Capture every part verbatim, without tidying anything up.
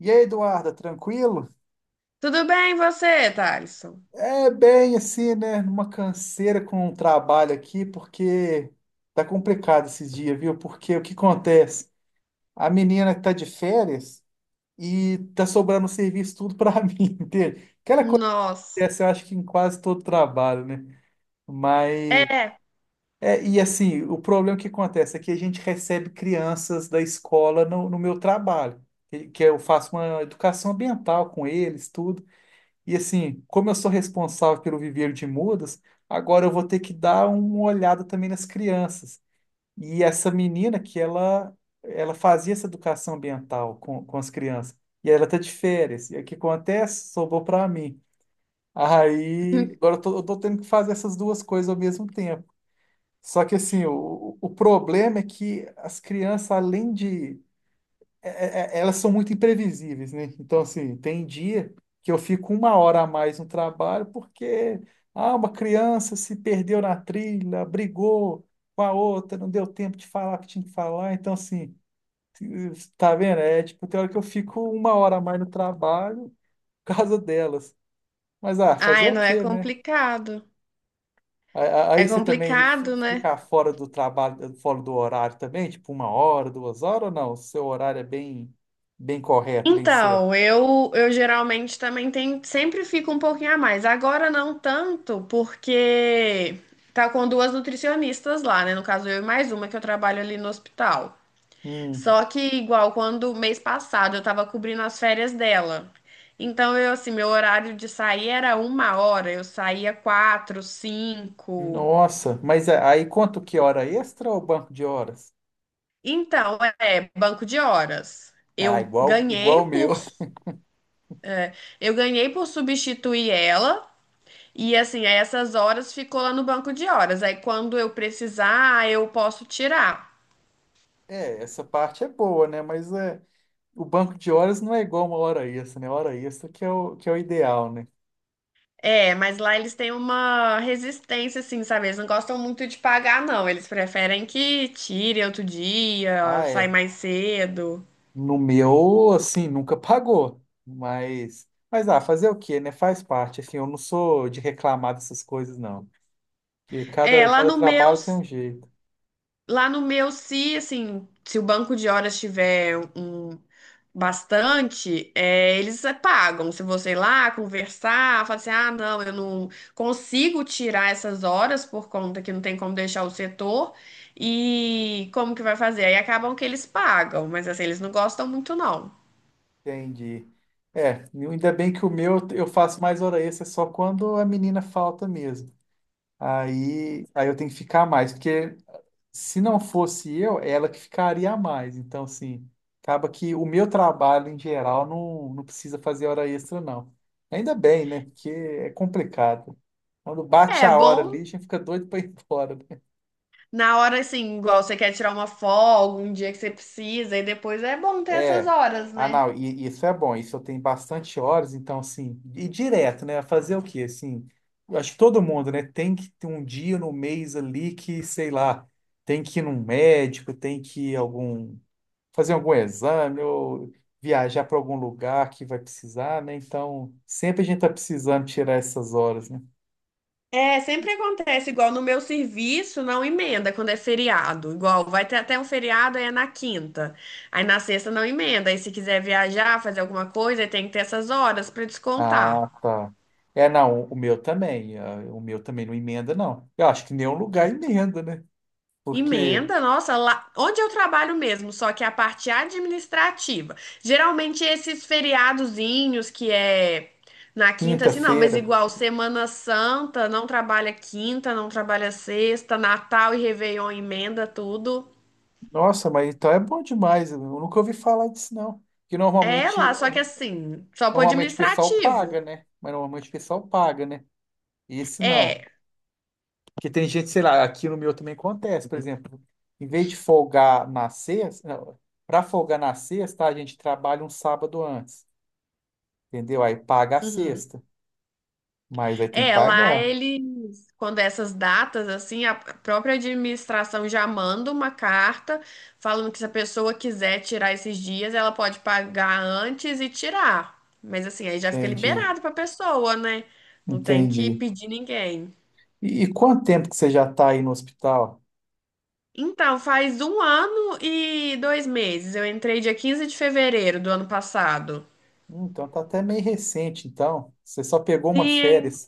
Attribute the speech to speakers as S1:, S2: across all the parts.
S1: E aí, Eduarda, tranquilo?
S2: Tudo bem, você, Thalisson?
S1: É bem assim, né? Numa canseira com o trabalho aqui, porque tá complicado esses dias, viu? Porque o que acontece? A menina tá de férias e tá sobrando serviço tudo pra mim, entende? Aquela coisa que
S2: Nossa.
S1: acontece, eu acho que em quase todo trabalho, né? Mas,
S2: É.
S1: é, e assim, o problema que acontece é que a gente recebe crianças da escola no, no meu trabalho, que que eu faço uma educação ambiental com eles, tudo. E assim, como eu sou responsável pelo viveiro de mudas, agora eu vou ter que dar uma olhada também nas crianças. E essa menina que ela ela fazia essa educação ambiental com, com as crianças. E ela tá de férias. E o que acontece? Sobrou para mim. Aí, agora eu tô, eu tô tendo que fazer essas duas coisas ao mesmo tempo. Só que assim, o, o problema é que as crianças, além de é- é- é, elas são muito imprevisíveis, né? Então, assim, tem dia que eu fico uma hora a mais no trabalho porque ah, uma criança se perdeu na trilha, brigou com a outra, não deu tempo de falar o que tinha que falar. Então, assim, tá vendo? É tipo, tem hora que eu fico uma hora a mais no trabalho por causa delas. Mas, ah, fazer
S2: Ai,
S1: o
S2: não é
S1: quê, né?
S2: complicado.
S1: A- a-
S2: É
S1: Aí você também fi-
S2: complicado, né?
S1: fica fora do trabalho, fora do horário também, tipo uma hora, duas horas ou não? O seu horário é bem, bem correto, bem certo.
S2: Então, eu, eu geralmente também tenho, sempre fico um pouquinho a mais. Agora não tanto, porque tá com duas nutricionistas lá, né? No caso, eu e mais uma que eu trabalho ali no hospital.
S1: Hum,
S2: Só que igual quando mês passado eu tava cobrindo as férias dela. Então, eu assim, meu horário de sair era uma hora, eu saía quatro, cinco.
S1: nossa, mas a- aí quanto que hora extra ou banco de horas?
S2: Então, é banco de horas.
S1: Ah,
S2: Eu
S1: igual, igual
S2: ganhei
S1: o meu.
S2: por eu ganhei por substituir ela e assim, aí essas horas ficou lá no banco de horas. Aí quando eu precisar, eu posso tirar.
S1: É, essa parte é boa, né? Mas é, o banco de horas não é igual uma hora extra, né? Hora extra que é o, que é o ideal, né?
S2: É, mas lá eles têm uma resistência assim, sabe? Eles não gostam muito de pagar não. Eles preferem que tire outro dia,
S1: Ah,
S2: sai
S1: é.
S2: mais cedo.
S1: No meu, assim, nunca pagou. Mas, mas ah, fazer o quê, né? Faz parte. Assim, eu não sou de reclamar dessas coisas, não. Porque
S2: É,
S1: cada,
S2: lá
S1: cada
S2: no meu
S1: trabalho tem um jeito.
S2: Lá no meu, se assim, se o banco de horas tiver um bastante, é, eles é, pagam. Se você ir lá conversar, falar assim, ah, não, eu não consigo tirar essas horas por conta que não tem como deixar o setor. E como que vai fazer? Aí acabam que eles pagam, mas assim, eles não gostam muito, não.
S1: Entendi. É, ainda bem que o meu eu faço mais hora extra só quando a menina falta mesmo. Aí, aí eu tenho que ficar mais, porque se não fosse eu, é ela que ficaria mais. Então, assim, acaba que o meu trabalho em geral não, não precisa fazer hora extra, não. Ainda bem, né? Porque é complicado. Quando bate
S2: É
S1: a hora
S2: bom
S1: ali, a gente fica doido para ir embora, né?
S2: na hora, assim, igual você quer tirar uma folga, um dia que você precisa, e depois é bom ter essas
S1: É.
S2: horas,
S1: Ah,
S2: né?
S1: não, e, isso é bom, isso eu tenho bastante horas, então, assim, e direto, né? Fazer o quê? Assim, eu acho que todo mundo, né? Tem que ter um dia no mês ali que, sei lá, tem que ir num médico, tem que ir algum, fazer algum exame ou viajar para algum lugar que vai precisar, né? Então, sempre a gente tá precisando tirar essas horas, né?
S2: É, sempre acontece, igual no meu serviço, não emenda quando é feriado. Igual, vai ter até um feriado, aí é na quinta. Aí na sexta não emenda. Aí se quiser viajar, fazer alguma coisa, aí tem que ter essas horas para descontar.
S1: Ah, tá. É, não, o meu também, ah, o meu também não emenda, não. Eu acho que nenhum lugar emenda, né? Porque
S2: Emenda, nossa, lá onde eu trabalho mesmo, só que é a parte administrativa. Geralmente esses feriadozinhos que é na quinta, assim, não, mas
S1: quinta-feira.
S2: igual Semana Santa, não trabalha quinta, não trabalha sexta, Natal e Réveillon emenda tudo.
S1: Nossa, mas então é bom demais. Eu nunca ouvi falar disso, não. Que
S2: É lá,
S1: normalmente,
S2: só que assim, só pro
S1: normalmente o pessoal paga,
S2: administrativo.
S1: né? Mas normalmente o pessoal paga, né? Esse
S2: É.
S1: não. Porque tem gente, sei lá, aqui no meu também acontece, por exemplo, em vez de folgar na sexta, para folgar na sexta, a gente trabalha um sábado antes, entendeu? Aí paga a
S2: Uhum.
S1: sexta, mas aí tem que
S2: É, lá
S1: pagar.
S2: eles, quando essas datas, assim, a própria administração já manda uma carta falando que se a pessoa quiser tirar esses dias, ela pode pagar antes e tirar. Mas assim, aí já fica
S1: Entendi,
S2: liberado pra pessoa, né? Não tem que
S1: entendi.
S2: pedir ninguém.
S1: E, e quanto tempo que você já está aí no hospital?
S2: Então, faz um ano e dois meses. Eu entrei dia quinze de fevereiro do ano passado.
S1: Hum, então tá até meio recente, então. Você só pegou uma
S2: Sim,
S1: férias.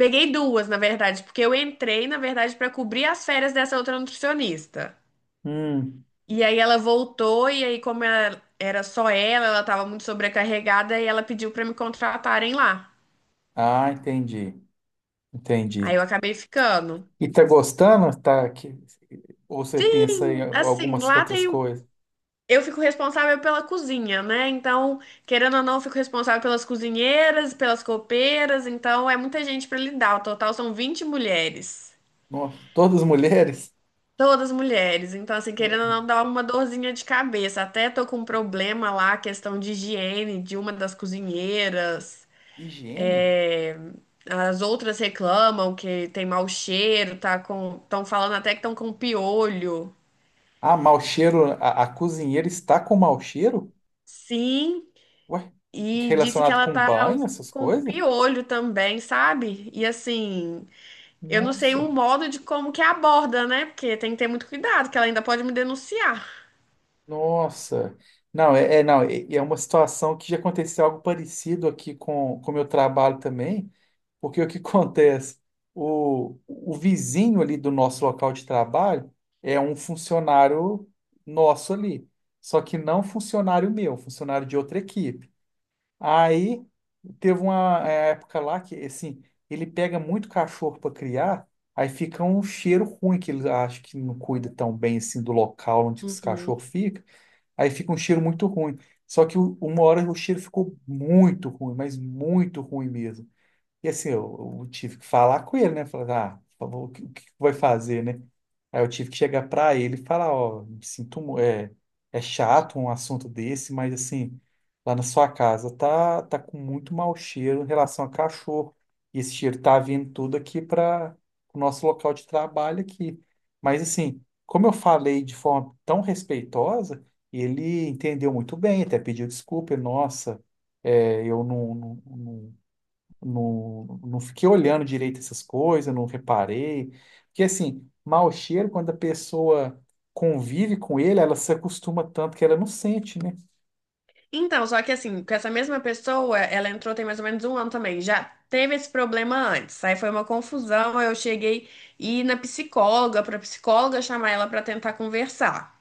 S2: peguei duas, na verdade, porque eu entrei, na verdade, para cobrir as férias dessa outra nutricionista.
S1: Hum.
S2: E aí ela voltou, e aí, como ela- era só ela, ela estava muito sobrecarregada, e ela pediu para me contratarem lá.
S1: Ah, entendi,
S2: Aí
S1: entendi.
S2: eu acabei ficando.
S1: E tá gostando? Tá aqui? Ou você pensa em
S2: Assim,
S1: algumas
S2: lá
S1: outras
S2: tem. um,
S1: coisas?
S2: eu fico responsável pela cozinha, né? Então, querendo ou não, eu fico responsável pelas cozinheiras, pelas copeiras, então é muita gente para lidar. O total são vinte mulheres.
S1: Nossa, todas mulheres?
S2: Todas mulheres. Então, assim, querendo ou não, dá uma dorzinha de cabeça. Até tô com um problema lá, questão de higiene de uma das cozinheiras.
S1: Higiene?
S2: É, as outras reclamam que tem mau cheiro, tá com... Estão falando até que estão com piolho.
S1: Ah, mau cheiro, a, a cozinheira está com mau cheiro?
S2: Sim,
S1: Ué,
S2: e disse que
S1: relacionado
S2: ela
S1: com
S2: tá
S1: banho,
S2: us-
S1: essas
S2: com
S1: coisas?
S2: piolho também, sabe? E assim, eu não sei
S1: Nossa,
S2: um modo de como que aborda, né? Porque tem que ter muito cuidado, que ela ainda pode me denunciar.
S1: nossa. Não, é, é- não, é, é uma situação que já aconteceu algo parecido aqui com com o meu trabalho também. Porque o que acontece? O, o vizinho ali do nosso local de trabalho é um funcionário nosso ali, só que não funcionário meu, funcionário de outra equipe. Aí teve uma é, época lá que, assim, ele pega muito cachorro para criar, aí fica um cheiro ruim, que ele acha que não cuida tão bem assim do local onde esse
S2: Uhum.
S1: cachorro fica, aí fica um cheiro muito ruim. Só que o- uma hora o cheiro ficou muito ruim, mas muito ruim mesmo. E assim, eu, eu tive que falar com ele, né? Falar, ah, por favor, o que, o que vai fazer, né? Aí eu tive que chegar para ele e falar, ó, me sinto, mu- é, é chato um assunto desse, mas assim, lá na sua casa tá, tá com muito mau cheiro em relação a cachorro. E esse cheiro tá vindo tudo aqui para o nosso local de trabalho aqui. Mas assim, como eu falei de forma tão respeitosa, ele entendeu muito bem, até pediu desculpa, nossa, é, eu não, não não- não, não fiquei olhando direito essas coisas, não reparei. Porque, assim, mau cheiro, quando a pessoa convive com ele, ela se acostuma tanto que ela não sente, né?
S2: Então, só que assim, com essa mesma pessoa, ela entrou tem mais ou menos um ano também. Já teve esse problema antes. Aí foi uma confusão. Aí Eu cheguei e ir na psicóloga, pra psicóloga chamar ela pra tentar conversar.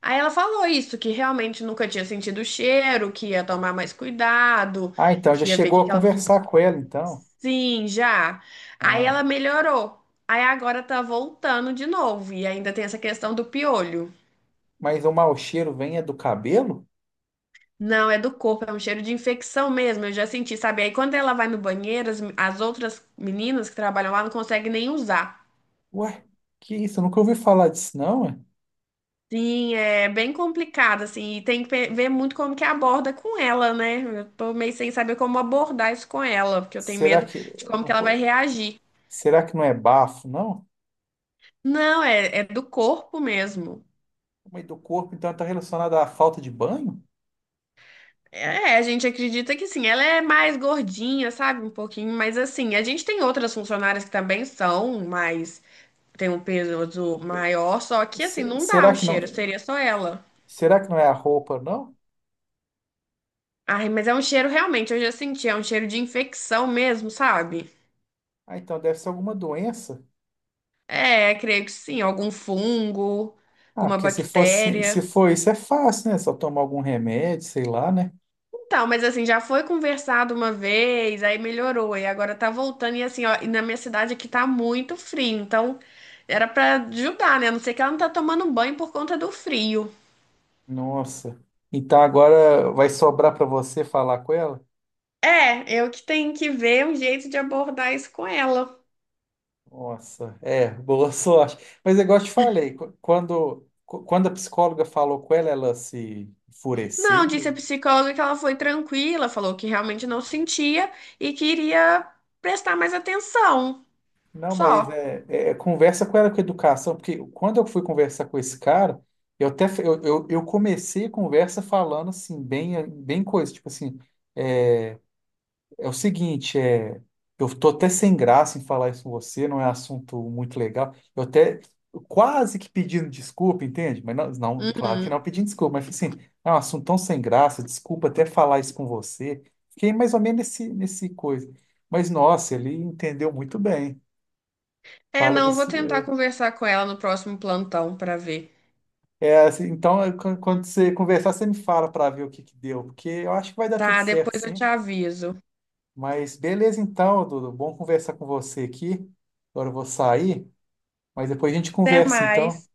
S2: Aí ela falou isso, que realmente nunca tinha sentido o cheiro, que ia tomar mais cuidado,
S1: Ah, então, já
S2: que ia ver o
S1: chegou
S2: que
S1: a
S2: que ela.
S1: conversar com ela, então.
S2: Sim, já. Aí
S1: Ah,
S2: ela melhorou. Aí agora tá voltando de novo. E ainda tem essa questão do piolho.
S1: mas o mau cheiro vem é do cabelo?
S2: Não, é do corpo, é um cheiro de infecção mesmo, eu já senti, sabe? Aí quando ela vai no banheiro, as, as outras meninas que trabalham lá não conseguem nem usar.
S1: Ué, que isso? Eu nunca ouvi falar disso, não, ué.
S2: Sim, é bem complicado, assim, e tem que pe- ver muito como que aborda com ela, né? Eu tô meio sem saber como abordar isso com ela, porque eu tenho
S1: Será
S2: medo
S1: que,
S2: de como que
S1: não
S2: ela
S1: pô-
S2: vai reagir.
S1: será que não é bafo, não?
S2: Não, é, é do corpo mesmo.
S1: Mas do corpo, então, está relacionado à falta de banho?
S2: É, é, a gente acredita que sim, ela é mais gordinha, sabe? Um pouquinho, mas assim, a gente tem outras funcionárias que também são mais tem um peso maior, só que assim,
S1: Se-
S2: não dá
S1: Será
S2: o
S1: que
S2: cheiro,
S1: não,
S2: seria só ela.
S1: será que não é a roupa, não?
S2: Ai, mas é um cheiro realmente, eu já senti, é um cheiro de infecção mesmo, sabe?
S1: Ah, então deve ser alguma doença.
S2: É, creio que sim, algum fungo,
S1: Ah,
S2: alguma
S1: porque se fosse, se
S2: bactéria.
S1: for isso é fácil, né? Só tomar algum remédio, sei lá, né?
S2: Então, mas assim, já foi conversado uma vez, aí melhorou, e agora tá voltando, e assim, ó, e na minha cidade aqui tá muito frio, então era pra ajudar, né? A não ser que ela não tá tomando banho por conta do frio.
S1: Nossa. Então agora vai sobrar para você falar com ela?
S2: É, eu que tenho que ver um jeito de abordar isso com ela.
S1: Nossa, é, boa sorte. Mas é igual eu te falei, qu- quando, qu- quando a psicóloga falou com ela, ela se
S2: Não, disse a
S1: enfureceu.
S2: psicóloga que ela foi tranquila, falou que realmente não sentia e queria prestar mais atenção.
S1: Não, mas
S2: Só.
S1: é, é, é conversa com ela com educação, porque quando eu fui conversar com esse cara, eu até f- eu, eu, eu comecei a conversa falando assim, bem, bem coisa, tipo assim. é, É o seguinte, é, eu tô até sem graça em falar isso com você, não é assunto muito legal. Eu até quase que pedindo desculpa, entende? Mas não, não, claro que
S2: Uhum.
S1: não pedindo desculpa, mas assim, é um assunto tão sem graça, desculpa até falar isso com você. Fiquei mais ou menos nesse, nesse coisa. Mas nossa, ele entendeu muito bem.
S2: É,
S1: Fala
S2: não, vou
S1: desse.
S2: tentar
S1: É,
S2: conversar com ela no próximo plantão para ver.
S1: é, assim, então, é, quan- quando você conversar, você me fala para ver o que que deu, porque eu acho que vai dar tudo
S2: Tá,
S1: certo,
S2: depois eu te
S1: sim.
S2: aviso.
S1: Mas beleza, então, Dudu, bom conversar com você aqui. Agora eu vou sair. Mas depois a gente
S2: Até
S1: conversa, então.
S2: mais.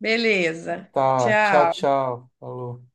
S2: Beleza.
S1: Tá, tchau,
S2: Tchau.
S1: tchau. Falou.